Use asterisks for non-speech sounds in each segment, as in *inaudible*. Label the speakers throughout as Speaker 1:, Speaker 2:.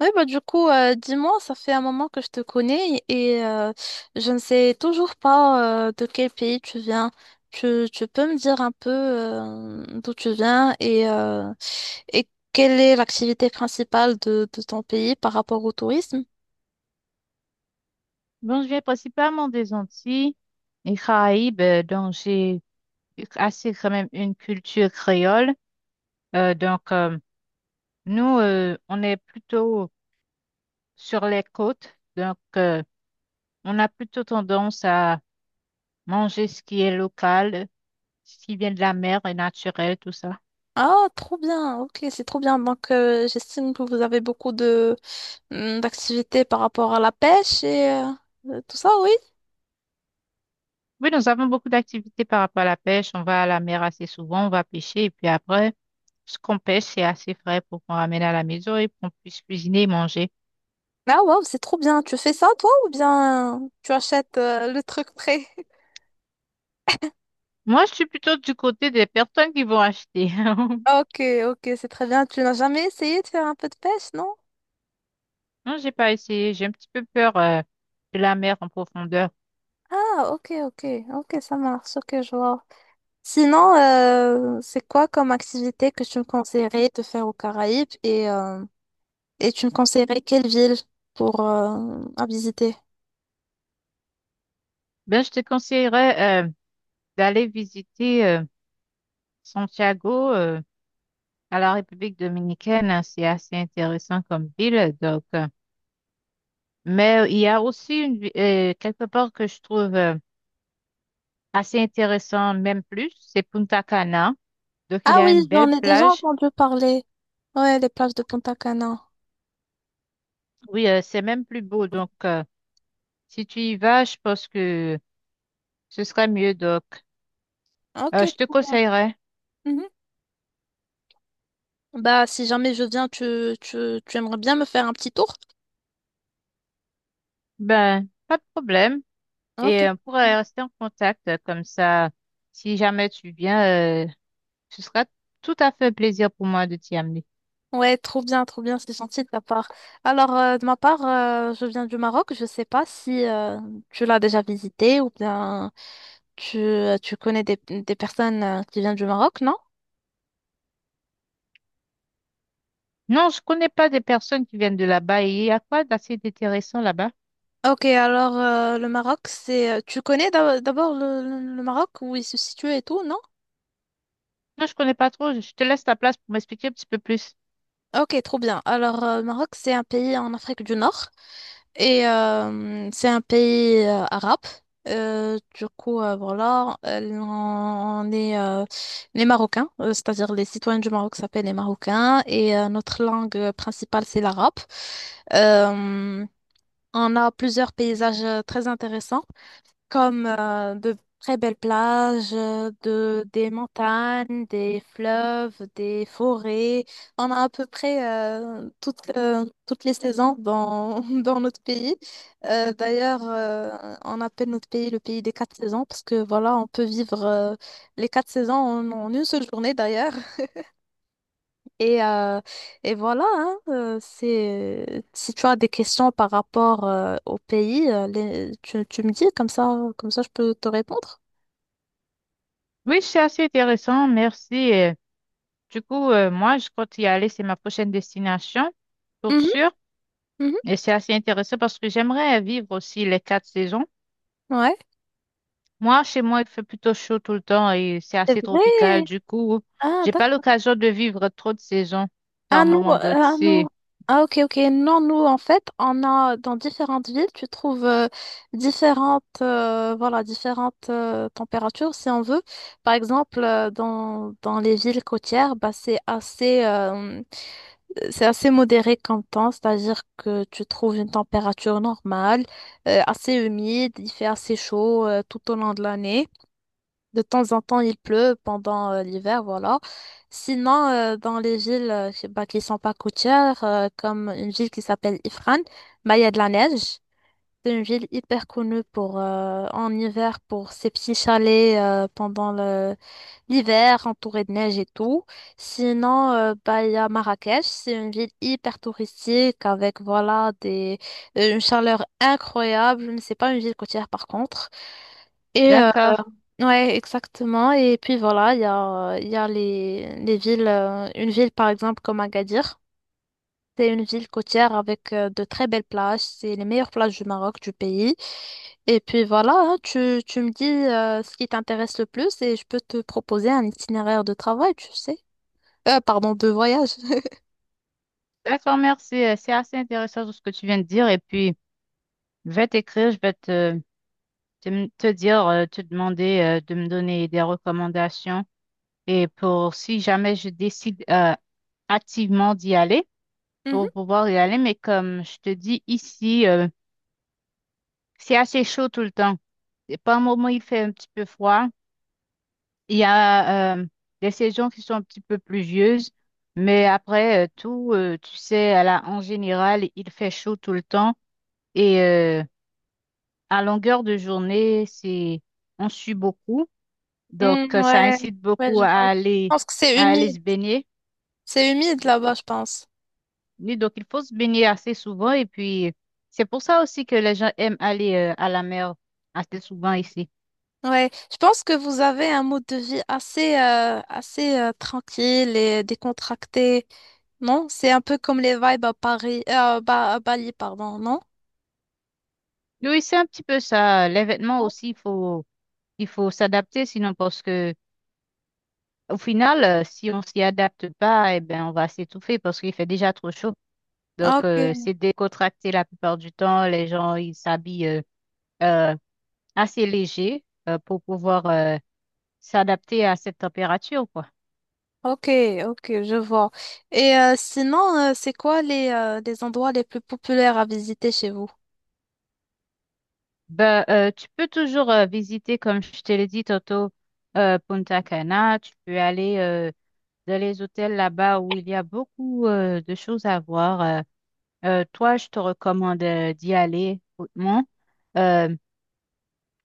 Speaker 1: Oui, bah du coup, dis-moi, ça fait un moment que je te connais et je ne sais toujours pas de quel pays tu viens. Tu peux me dire un peu d'où tu viens et et quelle est l'activité principale de ton pays par rapport au tourisme?
Speaker 2: Bon, je viens principalement des Antilles et Caraïbes, donc j'ai assez quand même une culture créole. Euh, donc, euh, nous, on est plutôt sur les côtes, donc on a plutôt tendance à manger ce qui est local, ce qui vient de la mer et naturel, tout ça.
Speaker 1: Ah, trop bien, ok, c'est trop bien. Donc, j'estime que vous avez beaucoup de d'activités par rapport à la pêche et tout ça, oui.
Speaker 2: Oui, nous avons beaucoup d'activités par rapport à la pêche. On va à la mer assez souvent, on va pêcher et puis après, ce qu'on pêche, c'est assez frais pour qu'on ramène à la maison et qu'on puisse cuisiner et manger.
Speaker 1: Ah, waouh, c'est trop bien. Tu fais ça, toi, ou bien tu achètes le truc prêt?
Speaker 2: Moi, je suis plutôt du côté des personnes qui vont acheter. *laughs*
Speaker 1: Ok, ok, c'est très bien. Tu n'as jamais essayé de faire un peu de pêche, non?
Speaker 2: Non, j'ai pas essayé. J'ai un petit peu peur de la mer en profondeur.
Speaker 1: Ah, ok, ok, ok, ça marche, ok, je vois. Sinon, c'est quoi comme activité que tu me conseillerais de faire aux Caraïbes et et tu me conseillerais quelle ville pour à visiter?
Speaker 2: Ben, je te conseillerais d'aller visiter Santiago, à la République dominicaine, hein. C'est assez intéressant comme ville. Mais il y a aussi quelque part que je trouve assez intéressant, même plus, c'est Punta Cana. Donc, il
Speaker 1: Ah
Speaker 2: y a une
Speaker 1: oui, j'en
Speaker 2: belle
Speaker 1: ai déjà
Speaker 2: plage.
Speaker 1: entendu parler. Ouais, les plages de Punta Cana.
Speaker 2: Oui, c'est même plus beau. Donc, si tu y vas, je pense que ce serait mieux. Donc,
Speaker 1: Ok,
Speaker 2: Je te
Speaker 1: cool.
Speaker 2: conseillerais.
Speaker 1: Mhm. Bah, si jamais je viens, tu aimerais bien me faire un petit tour?
Speaker 2: Ben, pas de problème.
Speaker 1: Ah, ok,
Speaker 2: Et on
Speaker 1: trop bien.
Speaker 2: pourrait rester en contact comme ça. Si jamais tu viens, euh, ce sera tout à fait un plaisir pour moi de t'y amener.
Speaker 1: Ouais, trop bien, c'est gentil de ta part. Alors, de ma part, je viens du Maroc. Je sais pas si tu l'as déjà visité ou bien tu connais des personnes qui viennent du Maroc, non?
Speaker 2: Non, je connais pas des personnes qui viennent de là-bas. Et il y a quoi d'assez intéressant là-bas?
Speaker 1: Ok, alors le Maroc, c'est... Tu connais d'abord le Maroc, où il se situe et tout, non?
Speaker 2: Non, je connais pas trop. Je te laisse ta place pour m'expliquer un petit peu plus.
Speaker 1: Ok, trop bien. Alors, le Maroc, c'est un pays en Afrique du Nord. Et c'est un pays arabe. Voilà, on est les Marocains, c'est-à-dire les citoyens du Maroc s'appellent les Marocains et notre langue principale, c'est l'arabe. Euh, on a plusieurs paysages très intéressants comme de très belles plages, des montagnes, des fleuves, des forêts. On a à peu près toutes les saisons dans, *laughs* dans notre pays. D'ailleurs, on appelle notre pays le pays des quatre saisons parce que voilà, on peut vivre les quatre saisons en une seule journée d'ailleurs. Et, euh, et voilà, hein, c'est, si tu as des questions par rapport au pays, tu me dis comme ça je peux te répondre.
Speaker 2: Oui, c'est assez intéressant. Merci. Du coup, moi, je compte y aller. C'est ma prochaine destination, pour
Speaker 1: Mhm,
Speaker 2: sûr.
Speaker 1: mhm,
Speaker 2: Et c'est assez intéressant parce que j'aimerais vivre aussi les quatre saisons.
Speaker 1: ouais.
Speaker 2: Moi, chez moi, il fait plutôt chaud tout le temps et c'est
Speaker 1: C'est
Speaker 2: assez
Speaker 1: vrai.
Speaker 2: tropical. Du coup,
Speaker 1: Ah,
Speaker 2: j'ai pas
Speaker 1: d'accord.
Speaker 2: l'occasion de vivre trop de saisons par moment. Donc,
Speaker 1: Ah, nous.
Speaker 2: c'est
Speaker 1: Ah, ok, ok. Non, nous, en fait, on a dans différentes villes, tu trouves voilà, différentes températures, si on veut. Par exemple, dans les villes côtières, bah, c'est assez modéré comme temps, c'est-à-dire que tu trouves une température normale, assez humide, il fait assez chaud tout au long de l'année. De temps en temps, il pleut pendant l'hiver, voilà. Sinon, dans les villes bah, qui sont pas côtières, comme une ville qui s'appelle Ifrane, bah, il y a de la neige. C'est une ville hyper connue pour, en hiver pour ses petits chalets l'hiver, entourés de neige et tout. Sinon, il y a Marrakech, c'est une ville hyper touristique avec voilà une chaleur incroyable, mais c'est pas une ville côtière par contre. Et euh,
Speaker 2: d'accord.
Speaker 1: ouais, exactement. Et puis voilà, il y a les villes, une ville par exemple comme Agadir. C'est une ville côtière avec de très belles plages. C'est les meilleures plages du Maroc, du pays. Et puis voilà, hein, tu me dis ce qui t'intéresse le plus et je peux te proposer un itinéraire de travail, tu sais. Pardon, de voyage.
Speaker 2: D'accord, merci. C'est assez intéressant tout ce que tu viens de dire. Et
Speaker 1: *laughs*
Speaker 2: puis, je vais t'écrire, je vais te, te, m- te dire, te demander de me donner des recommandations. Et pour si jamais je décide activement d'y aller,
Speaker 1: Mhm.
Speaker 2: pour pouvoir y aller. Mais comme je te dis, ici, c'est assez chaud tout le temps. Et par moment, il fait un petit peu froid. Il y a des saisons qui sont un petit peu pluvieuses, mais après, tu sais, en général, il fait chaud tout le temps et à longueur de journée, c'est on sue beaucoup, donc
Speaker 1: Mm,
Speaker 2: euh, ça
Speaker 1: ouais,
Speaker 2: incite
Speaker 1: ouais,
Speaker 2: beaucoup
Speaker 1: je
Speaker 2: à
Speaker 1: vois. Je
Speaker 2: aller
Speaker 1: pense que c'est
Speaker 2: à aller
Speaker 1: humide.
Speaker 2: se baigner.
Speaker 1: C'est humide là-bas, je pense.
Speaker 2: Et donc il faut se baigner assez souvent et puis c'est pour ça aussi que les gens aiment aller à la mer assez souvent ici.
Speaker 1: Ouais, je pense que vous avez un mode de vie assez tranquille et décontracté, non? C'est un peu comme les vibes à Paris, à Bali, pardon, non?
Speaker 2: Oui, c'est un petit peu ça. Les vêtements aussi, il faut s'adapter sinon parce que au final, si on s'y adapte pas, eh ben, on va s'étouffer parce qu'il fait déjà trop chaud. Donc,
Speaker 1: Ok,
Speaker 2: c'est décontracté la plupart du temps. Les gens, ils s'habillent euh, assez léger pour pouvoir s'adapter à cette température, quoi.
Speaker 1: ok, ok, je vois. Sinon, c'est quoi les endroits les plus populaires à visiter chez vous?
Speaker 2: Ben, tu peux toujours visiter, comme je te l'ai dit tantôt, Punta Cana. Tu peux aller dans les hôtels là-bas où il y a beaucoup de choses à voir. Toi, je te recommande d'y aller hautement. Euh,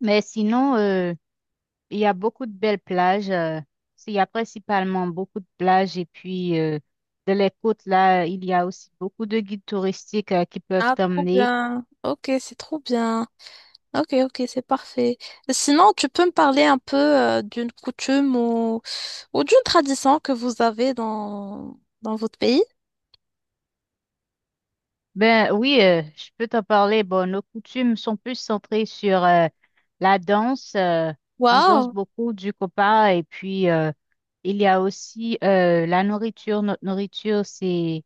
Speaker 2: Mais sinon, il y a beaucoup de belles plages. Il y a principalement beaucoup de plages. Et puis, de les côtes, là, il y a aussi beaucoup de guides touristiques qui peuvent
Speaker 1: Ah, trop
Speaker 2: t'emmener.
Speaker 1: bien. Ok, c'est trop bien. Ok, ok, c'est parfait. Sinon, tu peux me parler un peu d'une coutume ou d'une tradition que vous avez dans votre pays?
Speaker 2: Ben oui, je peux t'en parler. Bon, nos coutumes sont plus centrées sur la danse. On danse
Speaker 1: Waouh!
Speaker 2: beaucoup du copa. Et puis, il y a aussi la nourriture. Notre nourriture, c'est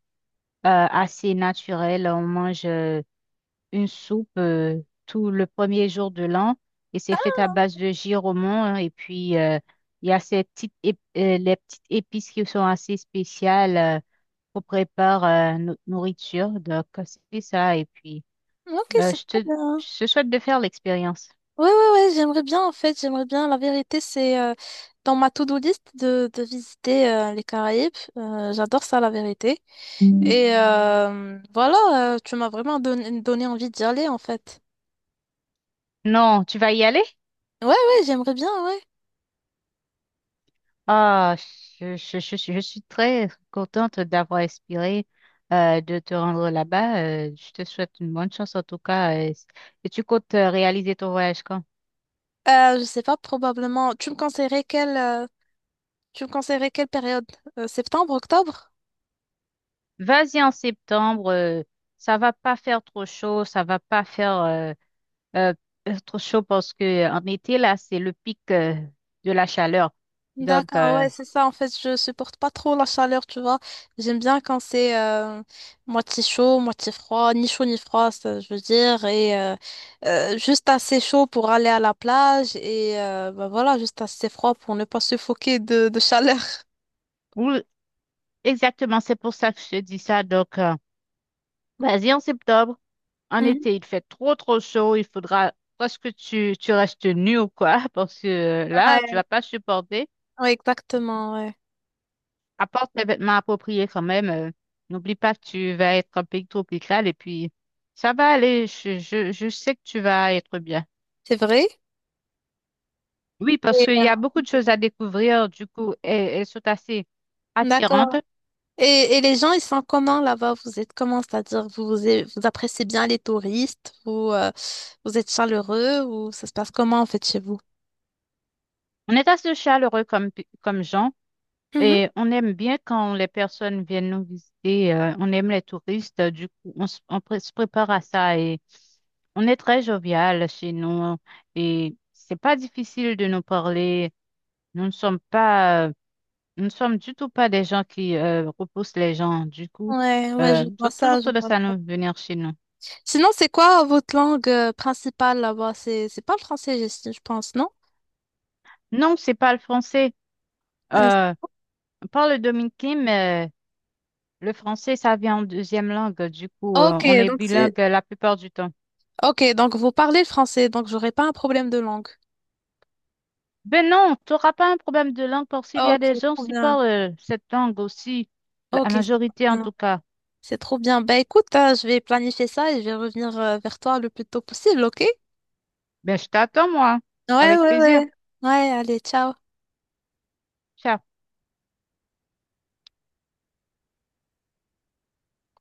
Speaker 2: assez naturel. On mange une soupe tout le premier jour de l'an et c'est fait à base de giraumon, hein, et puis il y a les petites épices qui sont assez spéciales qu'on prépare notre nourriture, donc c'est ça et puis
Speaker 1: Ok,
Speaker 2: euh,
Speaker 1: c'est
Speaker 2: je te
Speaker 1: trop bien.
Speaker 2: je te souhaite de faire l'expérience.
Speaker 1: Ouais, ouais, ouais, j'aimerais bien en fait, j'aimerais bien. La vérité, c'est dans ma to-do list de visiter les Caraïbes. J'adore ça, la vérité. Voilà, tu m'as vraiment donné envie d'y aller en fait.
Speaker 2: Non, tu vas y aller?
Speaker 1: Ouais, ouais, j'aimerais bien, ouais.
Speaker 2: Ah, je suis très contente d'avoir inspiré, de te rendre là-bas. Je te souhaite une bonne chance en tout cas. Et tu comptes réaliser ton voyage quand?
Speaker 1: Je sais pas, probablement. Tu me conseillerais tu me conseillerais quelle période? Septembre, octobre?
Speaker 2: Vas-y en septembre, ça va pas faire trop chaud, ça va pas faire euh, trop chaud parce que en été là, c'est le pic de la chaleur. Donc
Speaker 1: D'accord,
Speaker 2: euh,
Speaker 1: ouais, c'est ça. En fait, je supporte pas trop la chaleur, tu vois. J'aime bien quand c'est moitié chaud, moitié froid, ni chaud ni froid, ça, je veux dire, et juste assez chaud pour aller à la plage et bah voilà, juste assez froid pour ne pas suffoquer de chaleur.
Speaker 2: oui, exactement, c'est pour ça que je te dis ça. Donc, vas-y en septembre, en
Speaker 1: Mhm.
Speaker 2: été, il fait trop trop chaud, il faudra presque tu restes nu ou quoi *laughs* parce que là, tu
Speaker 1: Ouais,
Speaker 2: vas pas supporter.
Speaker 1: ouais, exactement, ouais.
Speaker 2: Apporte tes vêtements appropriés quand même. N'oublie pas que tu vas être un pays tropical et puis ça va aller. Je sais que tu vas être bien.
Speaker 1: C'est vrai?
Speaker 2: Oui, parce
Speaker 1: Et,
Speaker 2: qu'il y a beaucoup de choses à découvrir. Du coup, elles, elles sont assez
Speaker 1: d'accord.
Speaker 2: attirantes.
Speaker 1: Et les gens, ils sont comment là-bas? Vous êtes comment? C'est-à-dire, vous appréciez bien les touristes? Vous êtes chaleureux? Ou ça se passe comment en fait chez vous?
Speaker 2: On est assez chaleureux comme, comme gens
Speaker 1: Mhm.
Speaker 2: et on aime bien quand les personnes viennent nous visiter. On aime les touristes. Du coup, on, s- on pré- se prépare à ça et on est très jovial chez nous et c'est pas difficile de nous parler. Nous ne sommes pas. euh, Nous ne sommes du tout pas des gens qui repoussent les gens. Du coup,
Speaker 1: Ouais, ouais, je
Speaker 2: ils
Speaker 1: vois
Speaker 2: ont toujours
Speaker 1: ça, je vois.
Speaker 2: tendance à nous venir chez nous.
Speaker 1: Sinon, c'est quoi votre langue principale là-bas? C'est pas le français, je pense, non?
Speaker 2: Non, c'est pas le français.
Speaker 1: Euh,
Speaker 2: Euh, on parle le dominicain, mais le français, ça vient en deuxième langue. Du coup,
Speaker 1: ok,
Speaker 2: on est
Speaker 1: donc c'est...
Speaker 2: bilingue la plupart du temps.
Speaker 1: Ok, donc vous parlez le français, donc j'aurai pas un problème de langue.
Speaker 2: Ben non, tu n'auras pas un problème de langue parce qu'il y a
Speaker 1: Ok,
Speaker 2: des gens
Speaker 1: trop
Speaker 2: qui
Speaker 1: bien.
Speaker 2: parlent cette langue aussi, la
Speaker 1: Ok, c'est trop
Speaker 2: majorité en
Speaker 1: bien.
Speaker 2: tout cas.
Speaker 1: C'est trop bien. Bah écoute, hein, je vais planifier ça et je vais revenir vers toi le plus tôt possible, ok?
Speaker 2: Ben je t'attends, moi,
Speaker 1: Ouais,
Speaker 2: avec
Speaker 1: ouais,
Speaker 2: plaisir.
Speaker 1: ouais. Ouais, allez, ciao.
Speaker 2: Ciao.